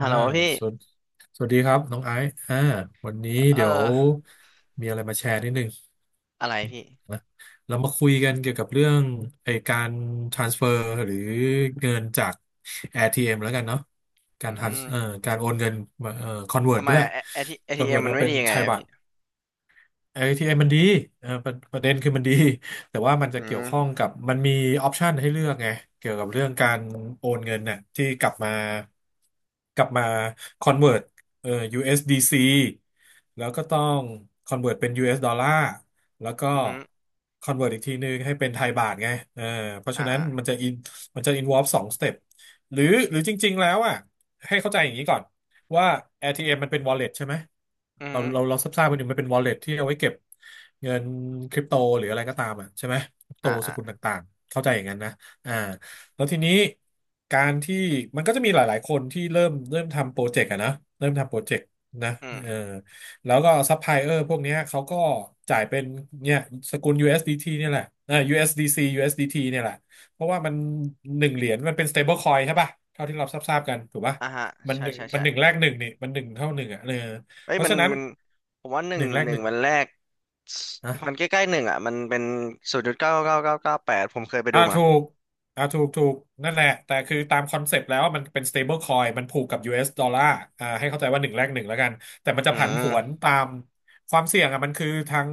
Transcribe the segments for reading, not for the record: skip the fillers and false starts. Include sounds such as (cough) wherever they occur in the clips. ฮัลอ่าโหลพี่สวัสสวัสดีครับน้องไอซ์วันนี้เออเดี๋ยวมีอะไรมาแชร์นิดนึงอะไรพี่นะเรามาคุยกันเกี่ยวกับเรื่องการ transfer หรือเงินจาก ATM แล้วกันเนาะกาอืร trans มเอ่อการโอนเงินมาconvert ทำไมด้วย อะเอทีเอทีเอ็ม convert มันมาไม่เป็นดียังไทไงยอะบาพี่ท เอ t m มมันดีเออประเด็นคือมันดีแต่ว่ามันจะอืเกี่ยวข้อมงกับมันมีออปชันให้เลือกไงเกี่ยวกับเรื่องการโอนเงินน่ะที่กลับมา convert เอ่อ USDC แล้วก็ต้อง convert เป็น US ดอลลาร์แล้วก็ อือฮึ convert อีกทีนึงให้เป็นไทยบาทไงเออเพราะอ่าฉะนั้นอ่ามันจะ involve สอง step หรือจริงๆแล้วอ่ะให้เข้าใจอย่างนี้ก่อน ว่า ATM มมันเป็น wallet ใช่ไหมอือฮึเราทราบๆกันอยู่มันเป็น wallet ที่เอาไว้เก็บเงินคริปโตหรืออะไรก็ตามอ่ะใช่ไหมคริปโตอ่าสอ่ากุลต่างๆเข้าใจอย่างนั้นนะอ่าแล้วทีนี้การที่มันก็จะมีหลายๆคนที่เริ่มทำโปรเจกต์อะนะเริ่มทำโปรเจกต์นะอืมเออแล้วก็ซัพพลายเออร์พวกเนี้ยเขาก็จ่ายเป็นเนี่ยสกุล USDT เอสดีทีเนี่ยแหละเอ่า USDC USDT เอสดีทีเนี่ยแหละเพราะว่ามันหนึ่งเหรียญมันเป็น stable coin ใช่ป่ะเท่าที่เราทราบๆกันถูกป่ะ อ่าฮะใช่ใช่มันใช่หนึ่งแรกหนึ่งนี่มันหนึ่งเท่าหนึ่งอ่ะเออเอ้ยเพราะมันฉะนั้นมันผมว่าหนึ่หงนึ่งแรกหนึ่หงนึ่งวันแรก (sniffs) มันใกนะล้ๆหนึ่งอ่ะมันเป็นศูนย์จุดเก้าเก้าเก้าเก้าแปดผมเคยไปอ่าดูมาถูกอ่าถูกถูกนั่นแหละแต่คือตามคอนเซปต์แล้วมันเป็น stable coin มันผูกกับ US ดอลลาร์อ่าให้เข้าใจว่าหนึ่งแรกหนึ่งแล้วกันแต่มันจะอืผันผวนมตามความเสี่ยงอ่ะมันคือทาง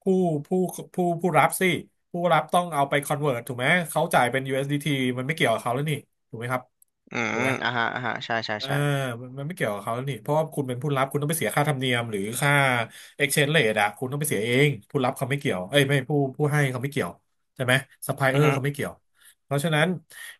ผู้ผู้ผู้รับสิผู้รับต้องเอาไป convert ถูกไหมเขาจ่ายเป็น USDT มันไม่เกี่ยวกับเขาแล้วนี่ถูกไหมครับอืมถูกไหม อ่าฮะอ่าฮะใช่ใช่เออใช่มันไม่เกี่ยวกับเขานี่เพราะว่าคุณเป็นผู้รับคุณต้องไปเสียค่าธรรมเนียมหรือค่า exchange rate อะคุณต้องไปเสียเองผู้รับเขาไม่เกี่ยวเอ้ยไม่ผู้ให้เขาไม่เกี่ยวใช่ไหม อือ supplier ฮึเขาไม่เกี่ยวเพราะฉะนั้น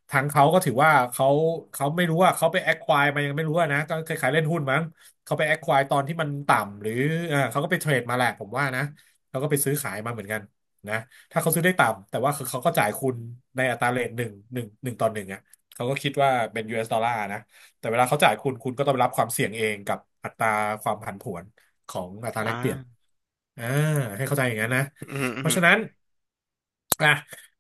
ทางเขาก็ถือว่าเขาเขาไม่รู้ว่าเขาไป acquire มายังไม่รู้อะนะก็คล้ายๆเล่นหุ้นมั้งเขาไป acquire ตอนที่มันต่ำหรือเออเขาก็ไปเทรดมาแหละผมว่านะเขาก็ไปซื้อขายมาเหมือนกันนะถ้าเขาซื้อได้ต่ำแต่ว่าคือเขาก็จ่ายคุณในอัตราเรทหนึ่งต่อหนึ่งอะเขาก็คิดว่าเป็นยูเอสดอลลาร์นะ แต่เวลาเขาจ่ายคุณคุณก็ต้องรับความเสี่ยงเองกับอัตราความผันผวนของอัตราอ่แลกเปลี่ยนาอ่าให้เข้าใจอย่างนั้นนะอือฮึอืเพอฮึราะฉะนั้นอ่ะ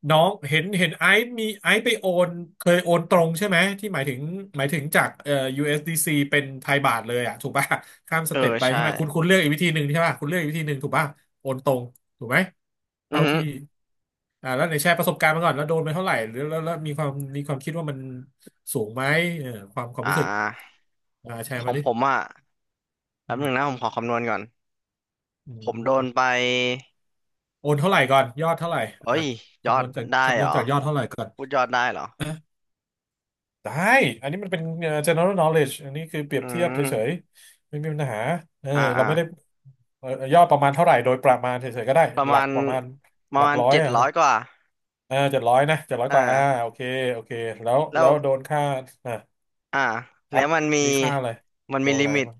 น้องเห็นไอซ์ไปโอนเคยโอนตรงใช่ไหมที่หมายถึงจากUSDC เอสดีซีเป็นไทยบาทเลยอ่ะถูกป่ะข้ามสเออเต็ปไปใช่ใช่ไหมคุณเลือกอีกวิธีหนึ่งใช่ป่ะคุณเลือกอีกวิธีหนึ่งถูกป่ะโอนตรงถูกไหมอืเท่าอฮึที่แล้วไหนแชร์ประสบการณ์มาก่อนแล้วโดนไปเท่าไหร่หรือแล้วแล้วมีความคิดว่ามันสูงไหมเออความอ่รู้สึก าแชขร์อมางดิผมอ่ะแป๊อืบหมนึ่งนะผมขอคำนวณก่อนอืผมโดมนไป โอนเท่าไหร่ก่อนยอดเท่าไหร่เอ้อ่ะยยอดได้คำนเหรวณอจากยอดเท่าไหร่ก่อนพูดยอดได้เหรอได้อันนี้มันเป็นgeneral knowledge อันนี้คือเปรียอืบเทียบเฉยมๆไม่มีปัญหาเอออ่าเราอ่าไม่ได้ยอดประมาณเท่าไหร่โดยประมาณเฉยๆก็ได้ประหลัมากณประมาณปหระลักมาณร้อยเจ็ดอะร้อนะยกว่าเออเจ็ดร้อยนะเจ็ดร้อยเอกว่าอ่าอโอเคโอเคแล้แล้ววโดนค่าอ่ะอ่าแล้อัวพมันมีมีค่าอะไรมันโดมีนลิอะไรมิตบ้าง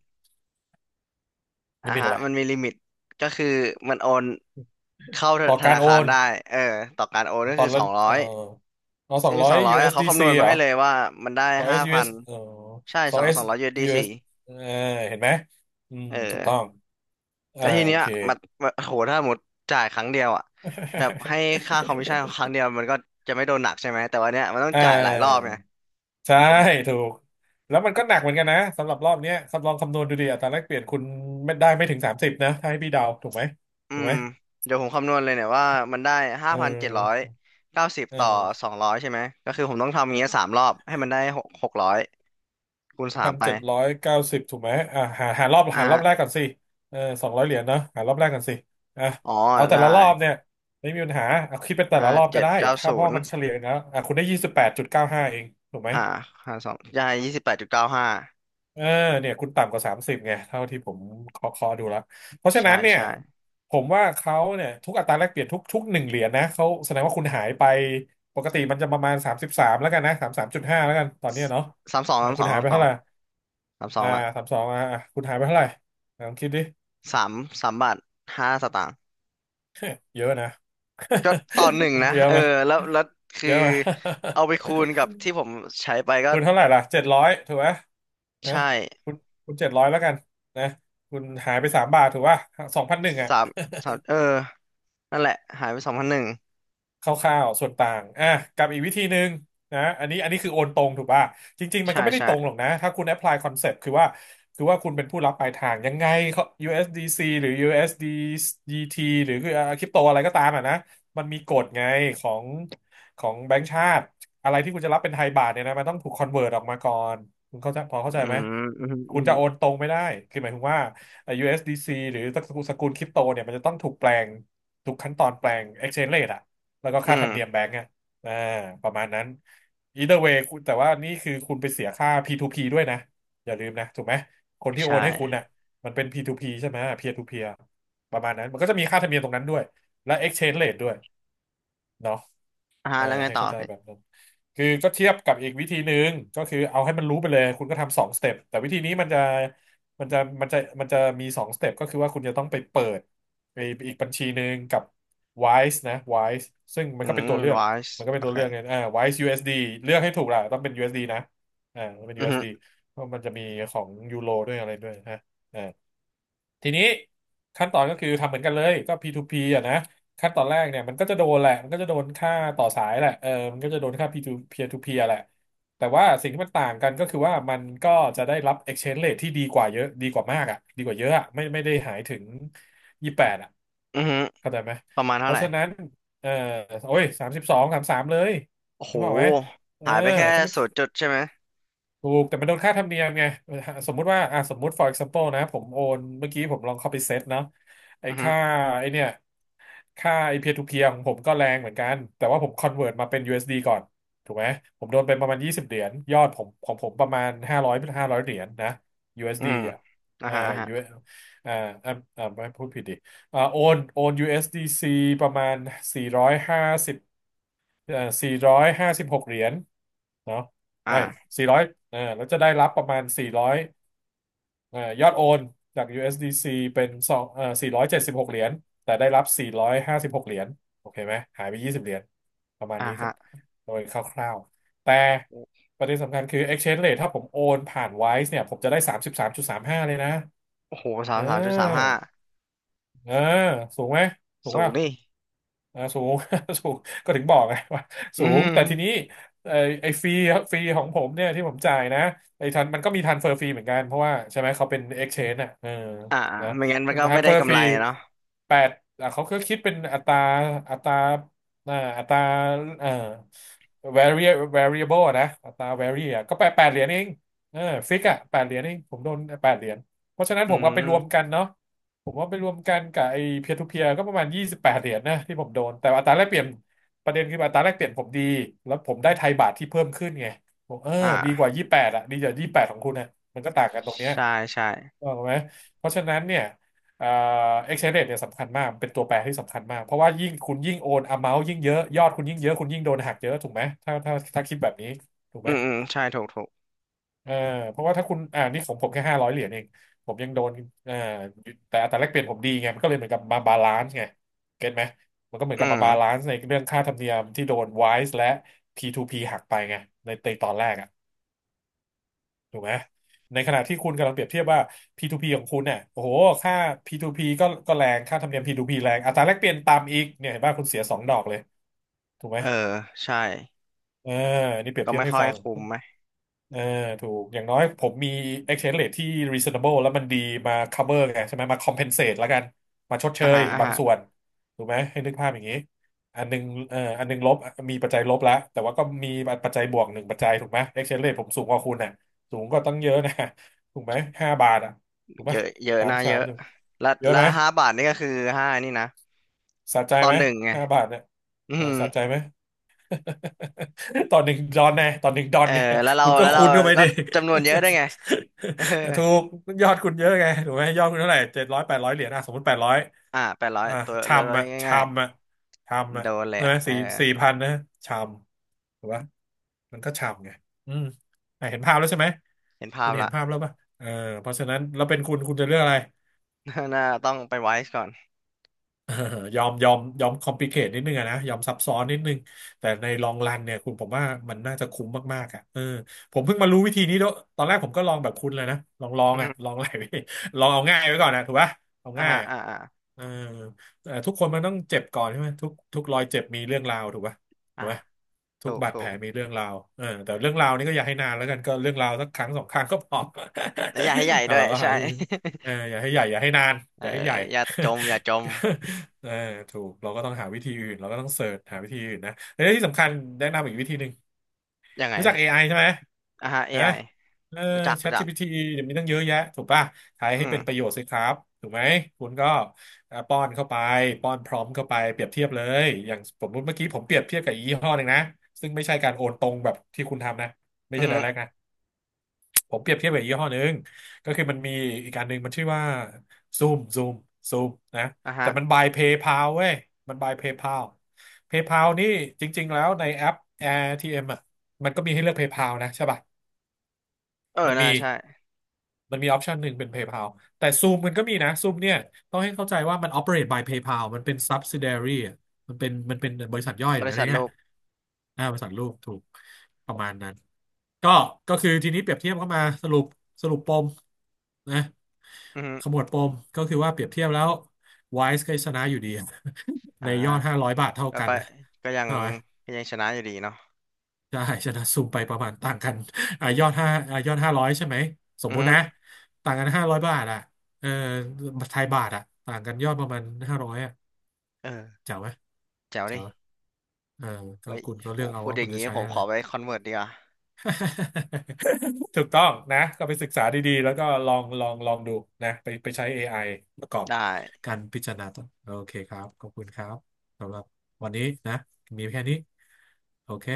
อ่ะลิมิตฮะอะไรมันมีลิมิตก็คือมันโอนเข้าต่อธการนาโอคารนได้เออต่อการโอนก็ตอคือนสละองร้อเออยเอาสองซึ่งร้อสย องร้อยอ่ะเขาคำน USDC เอสดีวณซีมาเหรให้อ เลยว่ามันได้สองเอห้าสยูพัเอนสเออใช่สอสงองเอสสองร้อย ยู USDC เอสดีเอสสี่เออเห็นไหมอืมเออ ถูกต้องอ่าแล้วทีโอเนี้ยเค มันมันโหถ้าหมดจ่ายครั้งเดียวอ่ะแบบให้ค่าคอมมิชชั่นครั้ง (laughs) เดียวมันก็จะไม่โดนหนักใช่ไหม แต่วันเนี้ยมันต้องอ่จ่ายหลายรอบาไงใช่ผมถูกแล้วมันมันก็หนักเหมือนกันนะสำหรับรอบเนี้ยสำลองคำนวณดูดิอัตราแลกเปลี่ยนคุณไม่ได้ไม่ถึง30นะถ้าให้พี่เดาถูกไหมอืถูกมไหมเดี๋ยวผมคำนวณเลยเนี่ยว่ามันได้ห้าเอพันเจ็ดร้อยอเก้าสิบเต่อออ สองร้อยใช่ไหม ก็คือผมต้องทำอย่างเงี้ยสามรอบให้มันได้หกหกร้อยคูณสาพัมนไปเจ็ดร้อยเก้าสิบถูกไหมหาหารอบอ่ะหารอฮะบแรกก่อนสิเออสองร้อยเหรียญเนาะหารอบแรกก่อนสิอ่ะอ๋อเอาแต่ได้ละรอบเนี่ยไม่มีปัญหาเอาคิดเป็นแต่ละห้ารอบก็เจ็ดได้เก้าถ้าเพศูราะนว่าย์มันเฉลี่ยนะอ่ะคุณได้ยี่สิบแปดจุดเก้าห้าเองถูกไหมอ่าหาสองได้ยี่สิบแปดจุดเก้าห้าเออเนี่ยคุณต่ำกว่าสามสิบไงเท่าที่ผมเคาะเคาะดูแล้วเพราะฉะใช่นั้นเนี่ยใช่ผมว่าเขาเนี่ยทุกอัตราแลกเปลี่ยนทุกหนึ่งเหรียญนะเขาแสดงว่าคุณหายไปปกติมันจะประมาณสามสิบสามแล้วกันนะสามสามจุดห้าแล้วกันตอนเนี้ยเนาะสามสองเออสามสคุอณงหายสามไปสอเท่างไหร่ สามสออ่างละสามสองอ่ะอ่ะคุณหายไปเท่าไหร่ลองคิดดิสามสามบาทห้าสตางค์ เยอะนะ ก็ต่อหนึ่งนะ (laughs) เยอะเออไหมแล้วแล้วคือเยอะไหม (laughs) เอาไปคูณกับที่ผมใช้ไปก็คุณเท่าไหร่ล่ะเจ็ดร้อยถูกไหมนะใช่คุณคุณเจ็ดร้อยแล้วกันนะคุณหายไปสามบาทถูกป่ะสองพันหนึ่งอ่ะ สามสามเออนั่นแหละหายไปสองพันหนึ่งคร่าวๆส่วนต่างอ่ะกับอีกวิธีหนึ่งนะอันนี้อันนี้คือโอนตรงถูกป่ะ จริงๆ มันใช่ก็ไม่ได้ใช่ตรงหรอกนะ ถ้าคุณแอพพลายคอนเซปต์คือว่าคุณเป็นผู้รับปลายทางยังไงเขา USDC หรือ USDT หรือคือคริปโตอะไรก็ตามอ่ะนะมันมีกฎไงของของแบงก์ชาติ อะไรที่คุณจะรับเป็นไทยบาทเนี่ยนะมันต้องถูกคอนเวิร์ตออกมาก่อน คุณเข้าใจพออืเข้าใจไหม มอืมอืคุณมจะโอนตรงไม่ได้คือหมายถึงว่า USDC หรือสกุลคริปโตเนี่ยมันจะต้องถูกแปลงทุกขั้นตอนแปลง exchange rate อะ แล้วก็อืค่าธรรมเนียมแบมงก์อ่ะอ่าประมาณนั้น either way คุณแต่ว่านี่คือคุณไปเสียค่า P2P ด้วยนะอย่าลืมนะถูกไหมคนที่ใชโอนให้คุณ่น่ะมันเป็น P2P ใช่ไหม peer to peer ประมาณนั้นมันก็จะมีค่าธรรมเนียมตรงนั้นด้วยและ exchange rate ด้วยเนาะ อ่าฮะแล้วไงให้ต่อเข้าใจแบบพี่นั้นคือก็เทียบกับอีกวิธีหนึ่งก็คือเอาให้มันรู้ไปเลยคุณก็ทำสองสเต็ปแต่วิธีนี้มันจะมันจะมีสองสเต็ปก็คือว่าคุณจะต้องไปเปิดไปอีกบัญชีหนึ่งกับ Wise นะ Wise ซึ่งอืมวายมันก็เป็นโอตัวเคเลือกเนี่ยอ่า Wise USD เอสดีเลือกให้ถูกล่ะต้องเป็น USD นะต้องเป็นอืยูมอเอหืสมดีเพราะมันจะมีของยูโรด้วยอะไรด้วยนะ ทีนี้ขั้นตอนก็คือทำเหมือนกันเลยก็ P2P อ่ะนะขั้นตอนแรกเนี่ยมันก็จะโดนแหละมันก็จะโดนค่าต่อสายแหละเออมันก็จะโดนค่า P2 p to p แหละแต่ว่าสิ่งที่มันต่างกันก็คือว่ามันก็จะได้รับ exchange rate ที่ดีกว่าเยอะดีกว่ามากอ่ะดีกว่าเยอะอ่ะไม่ได้หายถึงยี่สิบแปดอ่ะอือหืเข้าใจไหมประมาณเพเท่าไหราะร่ฉะนั้นเออโอ้ยสามสิบสองสามสามเลยโอ้โหรู้เปล่าไหมเออหายไปแค่ถ้ามัน ศูนย์จุดใช่ไหมถูกแต่มันโดนค่าธรรมเนียมไงสมมุติว่าอ่ะสมมุติ for example นะผมโอนเมื่อกี้ผมลองเข้าไปเซตเนาะไอ้อืมอหือค่าไอ้เนี่ยค่าไอ้เพียร์ทูเพียร์ของผมก็แรงเหมือนกันแต่ว่าผมคอนเวิร์ตมาเป็น USD ก่อนถูกไหมผมโดนไปประมาณ20เหรียญยอดผมของผมประมาณ500้าร้อยห้าร้อยเหรียญนะ ื USD อสมดีอ่ะอ่าเอ่า ฮะอ่าฮะ US อสอ่าอ่าไม่พูดผิดดิโอนโอน USDC ประมาณ450 เอ่อสี่ร้อยห้าสิบหกเหรียญเนาะไอ้อ่าสี่ร้อยแล้วจะได้รับประมาณสี่ร้อยยอดโอนจาก USDC เอสดีซีเป็นสองสี่ร้อยเจ็ดสิบหกเหรียญแต่ได้รับสี่ร้อยห้าสิบหกเหรียญโอเคไหมหายไปยี่สิบเหรียญประมาณอ่านี้ก็ฮะโดยคร่าวๆแต่ประเด็นสำคัญคือ exchange rate ถ้าผมโอนผ่าน Wise เนี่ยผมจะได้สามสิบสามจุดสามห้าเลยนะโอ้โหสาเมสามจุดสามห้าออเออสูงไหมสูงสูงว่า นี่สูง (laughs) สูงก็ถึงบอกไง (laughs) ว่าอืสูงแต่ทีนี้มไอไอฟรีฟรีของผมเนี่ยที่ผมจ่ายนะไอทันมันก็มีทันเฟอร์ฟรีเหมือนกันเพราะว่าใช่ไหมเขาเป็น exchange อ่ะเอออ่านะไม่งั้นมันก็ทัไม่นเฟได้อร์กำฟไรรีเนาะ แปดเขาก็คิดเป็นอัตราอัตราอัตราเอ่อ v a r i variable อะนะอัตรา vary อะก็แปดเหรียญเองเออฟิกอ่ะแปดเหรียญเองผมโดนแปดเหรียญเพราะฉะนั้นอืผมก็ไปรวมมกันเนาะ ผมว่าไปรวมกันกับไอ้เพียร์ทูเพียร์ก็ประมาณ28 เหรียญนะที่ผมโดนแต่อัตราแลกเปลี่ยนประเด็นคืออัตราแลกเปลี่ยนผมดีแล้วผมได้ไทยบาทที่เพิ่มขึ้นไงผมอดีกว่า่ายี่แปดอะดีกว่ายี่แปดของคุณนะมันก็ต่างกันตรงเนี้ยใช่ใช่ถูกไหมเพราะฉะนั้นเนี่ยเอ่อ exchange rate เนี่ยสำคัญมากเป็นตัวแปรที่สำคัญมากเพราะว่ายิ่งคุณยิ่งโอน amount ยิ่งเยอะยอดคุณยิ่งเยอะคุณยิ่งโดนหักเยอะถูกไหมถ้าคิดแบบนี้ถูกไหอืม มอืมใช่ถูกถูกเออเพราะว่าถ้าคุณอ่านี่ของผมแค่500 เหรียญเองผมยังโดนเอ่อแต่อัตราแลกเปลี่ยนผมดีไงมันก็เลยเหมือนกับมาบาลานซ์ไงเก็ตไหมมันก็เหมือนอืกับมามบาลานซ์ในเรื่องค่าธรรมเนียมที่โดน WISE และ P2P หักไปไงในตอนแรกอะถูกไหมในขณะที่คุณกำลังเปรียบเทียบว่า P2P ของคุณเนี่ยโอ้โหค่า P2P ก็แรงค่าธรรมเนียม P2P แรงอัตราแลกเปลี่ยนต่ำอีกเนี่ยเห็นป่ะคุณเสียสองดอกเลยถูกไหมเออใช่เออนี่เปรียบก็เทียบไม่ให้ค่อยฟัง คุ้มไหมเออถูกอย่างน้อยผมมี exchange rate ที่ reasonable แล้วมันดีมา cover ไงใช่ไหมมา compensate แล้วกันมาชดเชอ่ายฮะอ่าบางฮะส่วนถูกไหมให้นึกภาพอย่างนี้อันหนึงอันหนึงลบมีปัจจัยลบแล้วแต่ว่าก็มีปัจจัยบวกหนึ่งปัจจัยถูกไหม exchange rate ผมสูงกว่าคุณน่ะสูงก็ตั้งเยอะนะถูกไหมห้าบาทอ่ะถูกไหมเยอะเยอะสามนะสาเยมอะถูกและเยอะและไหมห้าบาทนี่ก็คือห้านี่นะสะใจตอไหนมหนึ่งไงห้าบาทเนี่ยอืเออมสะใจไหม (laughs) ตอนหนึ่งดอนไงตอนหนึ่งดอเอนอไงแล้วเราคุณก็แล้วคูเราณเข้าไปก็ดิ จำนวนเยอะด้วยไง (laughs) เออ (laughs) ถูกยอดคุณเยอะไงถูกไหมยอดคุณเท่าไหร่700 800 เหรียญอ่ะสมมติแปดร้อยอ่าแปดร้อยอ่ะตัวชาเรามอ่ะชาง่ายมอ่ะชามๆอ่ะโดนเลยใช่ไหมอ่ะเออสี่4,000นะชามถูกปะมันก็ชามไงอืมอ่ะเห็นภาพแล้วใช่ไหมเห็นภาคุพณเห็ละ นภาพแล้วป่ะเออเพราะฉะนั้นเราเป็นคุณคุณจะเลือกอะไร (laughs) น่าต้องไปไวซ์ก่อน (laughs) เออยอมยอมยอมคอมพลิเคทนิดนึงอะนะยอมซับซ้อนนิดนึงแต่ในลองรันเนี่ยคุณผมว่ามันน่าจะคุ้มมากๆอ่ะเออผมเพิ่งมารู้วิธีนี้ด้วยตอนแรกผมก็ลองแบบคุณเลยนะลองลองอือ่ะมลอง (laughs) หลายวิ (laughs) ลองเอาง่ายไว้ก่อนนะถูกป่ะเอาอ่าง่ายฮะอ่ะอ่าอ่าเออเออทุกคนมันต้องเจ็บก่อนใช่ไหมทุกรอยเจ็บมีเรื่องราวถูกป่ะถูอ่ากป่ะทุถูกกบาดถูแผลกมีเรื่องราวเออแต่เรื่องราวนี้ก็อย่าให้นานแล้วกันก็เรื่องราวสักครั้งสองครั้งก็พอ แล้วอย่าให้ใหญ่ (laughs) อ่ะด้วยเราก็หาใช่ วิธีเอออย่าให้ใหญ่อย่าให้นาน (laughs) อเออย่าให้ใหญ่ อย่าจมอย่าจม (laughs) (laughs) เออถูกเราก็ต้องหาวิธีอื่นเราก็ต้องเสิร์ชหาวิธีอื่นนะและที่สำคัญแนะนำอีกวิธีหนึ่งยังไงรู้จัก พี่ AI ใช่ไหมอ่ะฮะ ฮะ AI เออ รู้จักรู้จัก ChatGPT เดี๋ยวมีตั้งเยอะแยะถูกป่ะใช้อืให้เป็นประโยมชน์สิครับถูกไหมคุณก็ป้อนเข้าไปป้อนพร้อมเข้าไปเปรียบเทียบเลยอย่างสมมติเมื่อกี้ผมเปรียบเทียบกับอีกยี่ห้อหนึ่งนะซึ่งไม่ใช่การโอนตรงแบบที่คุณทำนะไม่อืใช่ อฮึ direct นะ ผมเปรียบเทียบกับยี่ห้อหนึ่งก็คือมันมีอีกการหนึ่งมันชื่อว่าซูมซูมซูมนะอ่ะฮะ แต่มันบายเพย์พาวเว้ยมันบายเพย์พาวเพย์พาวนี่จริงๆแล้วในแอป AirTM อทีเอ็มอ่ะมันก็มีให้เลือกเพย์พาวนะใช่ป่ะเออ มันน่ามี ใช่ มันมีออปชันหนึ่งเป็น PayPal แต่ Zoom มันก็มีนะ Zoom เนี่ยต้องให้เข้าใจว่ามัน operate by PayPal มันเป็น subsidiary อะมันเป็นบริษัทย่อยหบรือริอะไรษัทโลเนี่ยกอ่าบริษัทลูกถูกประมาณนั้นก็ก็คือทีนี้เปรียบเทียบก็มาสรุปสรุปปมนะอือฮึขมวดปมก็คือว่าเปรียบเทียบแล้ว Wise ก็ชนะอยู่ดี (laughs) ในอ่า ยอด500 บาทเท่าแล้วกันก็นะก็ยังเข้าไหม ก็ยังชนะอยู่ดีเนาะใช่ชนะซูมไปประมาณต่างกันอ่ะยอดห้าอ่ะยอดห้าร้อยใช่ไหมสมอือมุติฮึนะต่างกันห้าร้อยบาทอ่ะเออไทยบาทอ่ะต่างกันยอดประมาณห้าร้อยอ่ะเออเจ๋วไหมแจ๋วเจ๋วดิไหมเออก็เฮ้ยคุณก็โหเลือกเอาพูดว่าอคุย่าณงจะนี้ใช้ผมอะขไร อไปคอนเวิร์ตดีกว่า (laughs) ถูกต้องนะก็ไปศึกษาดีๆแล้วก็ลองดูนะไปใช้ AI ประกอบได้การพิจารณาต่อโอเคครับขอบคุณครับสำหรับวันนี้นะมีแค่นี้โอเค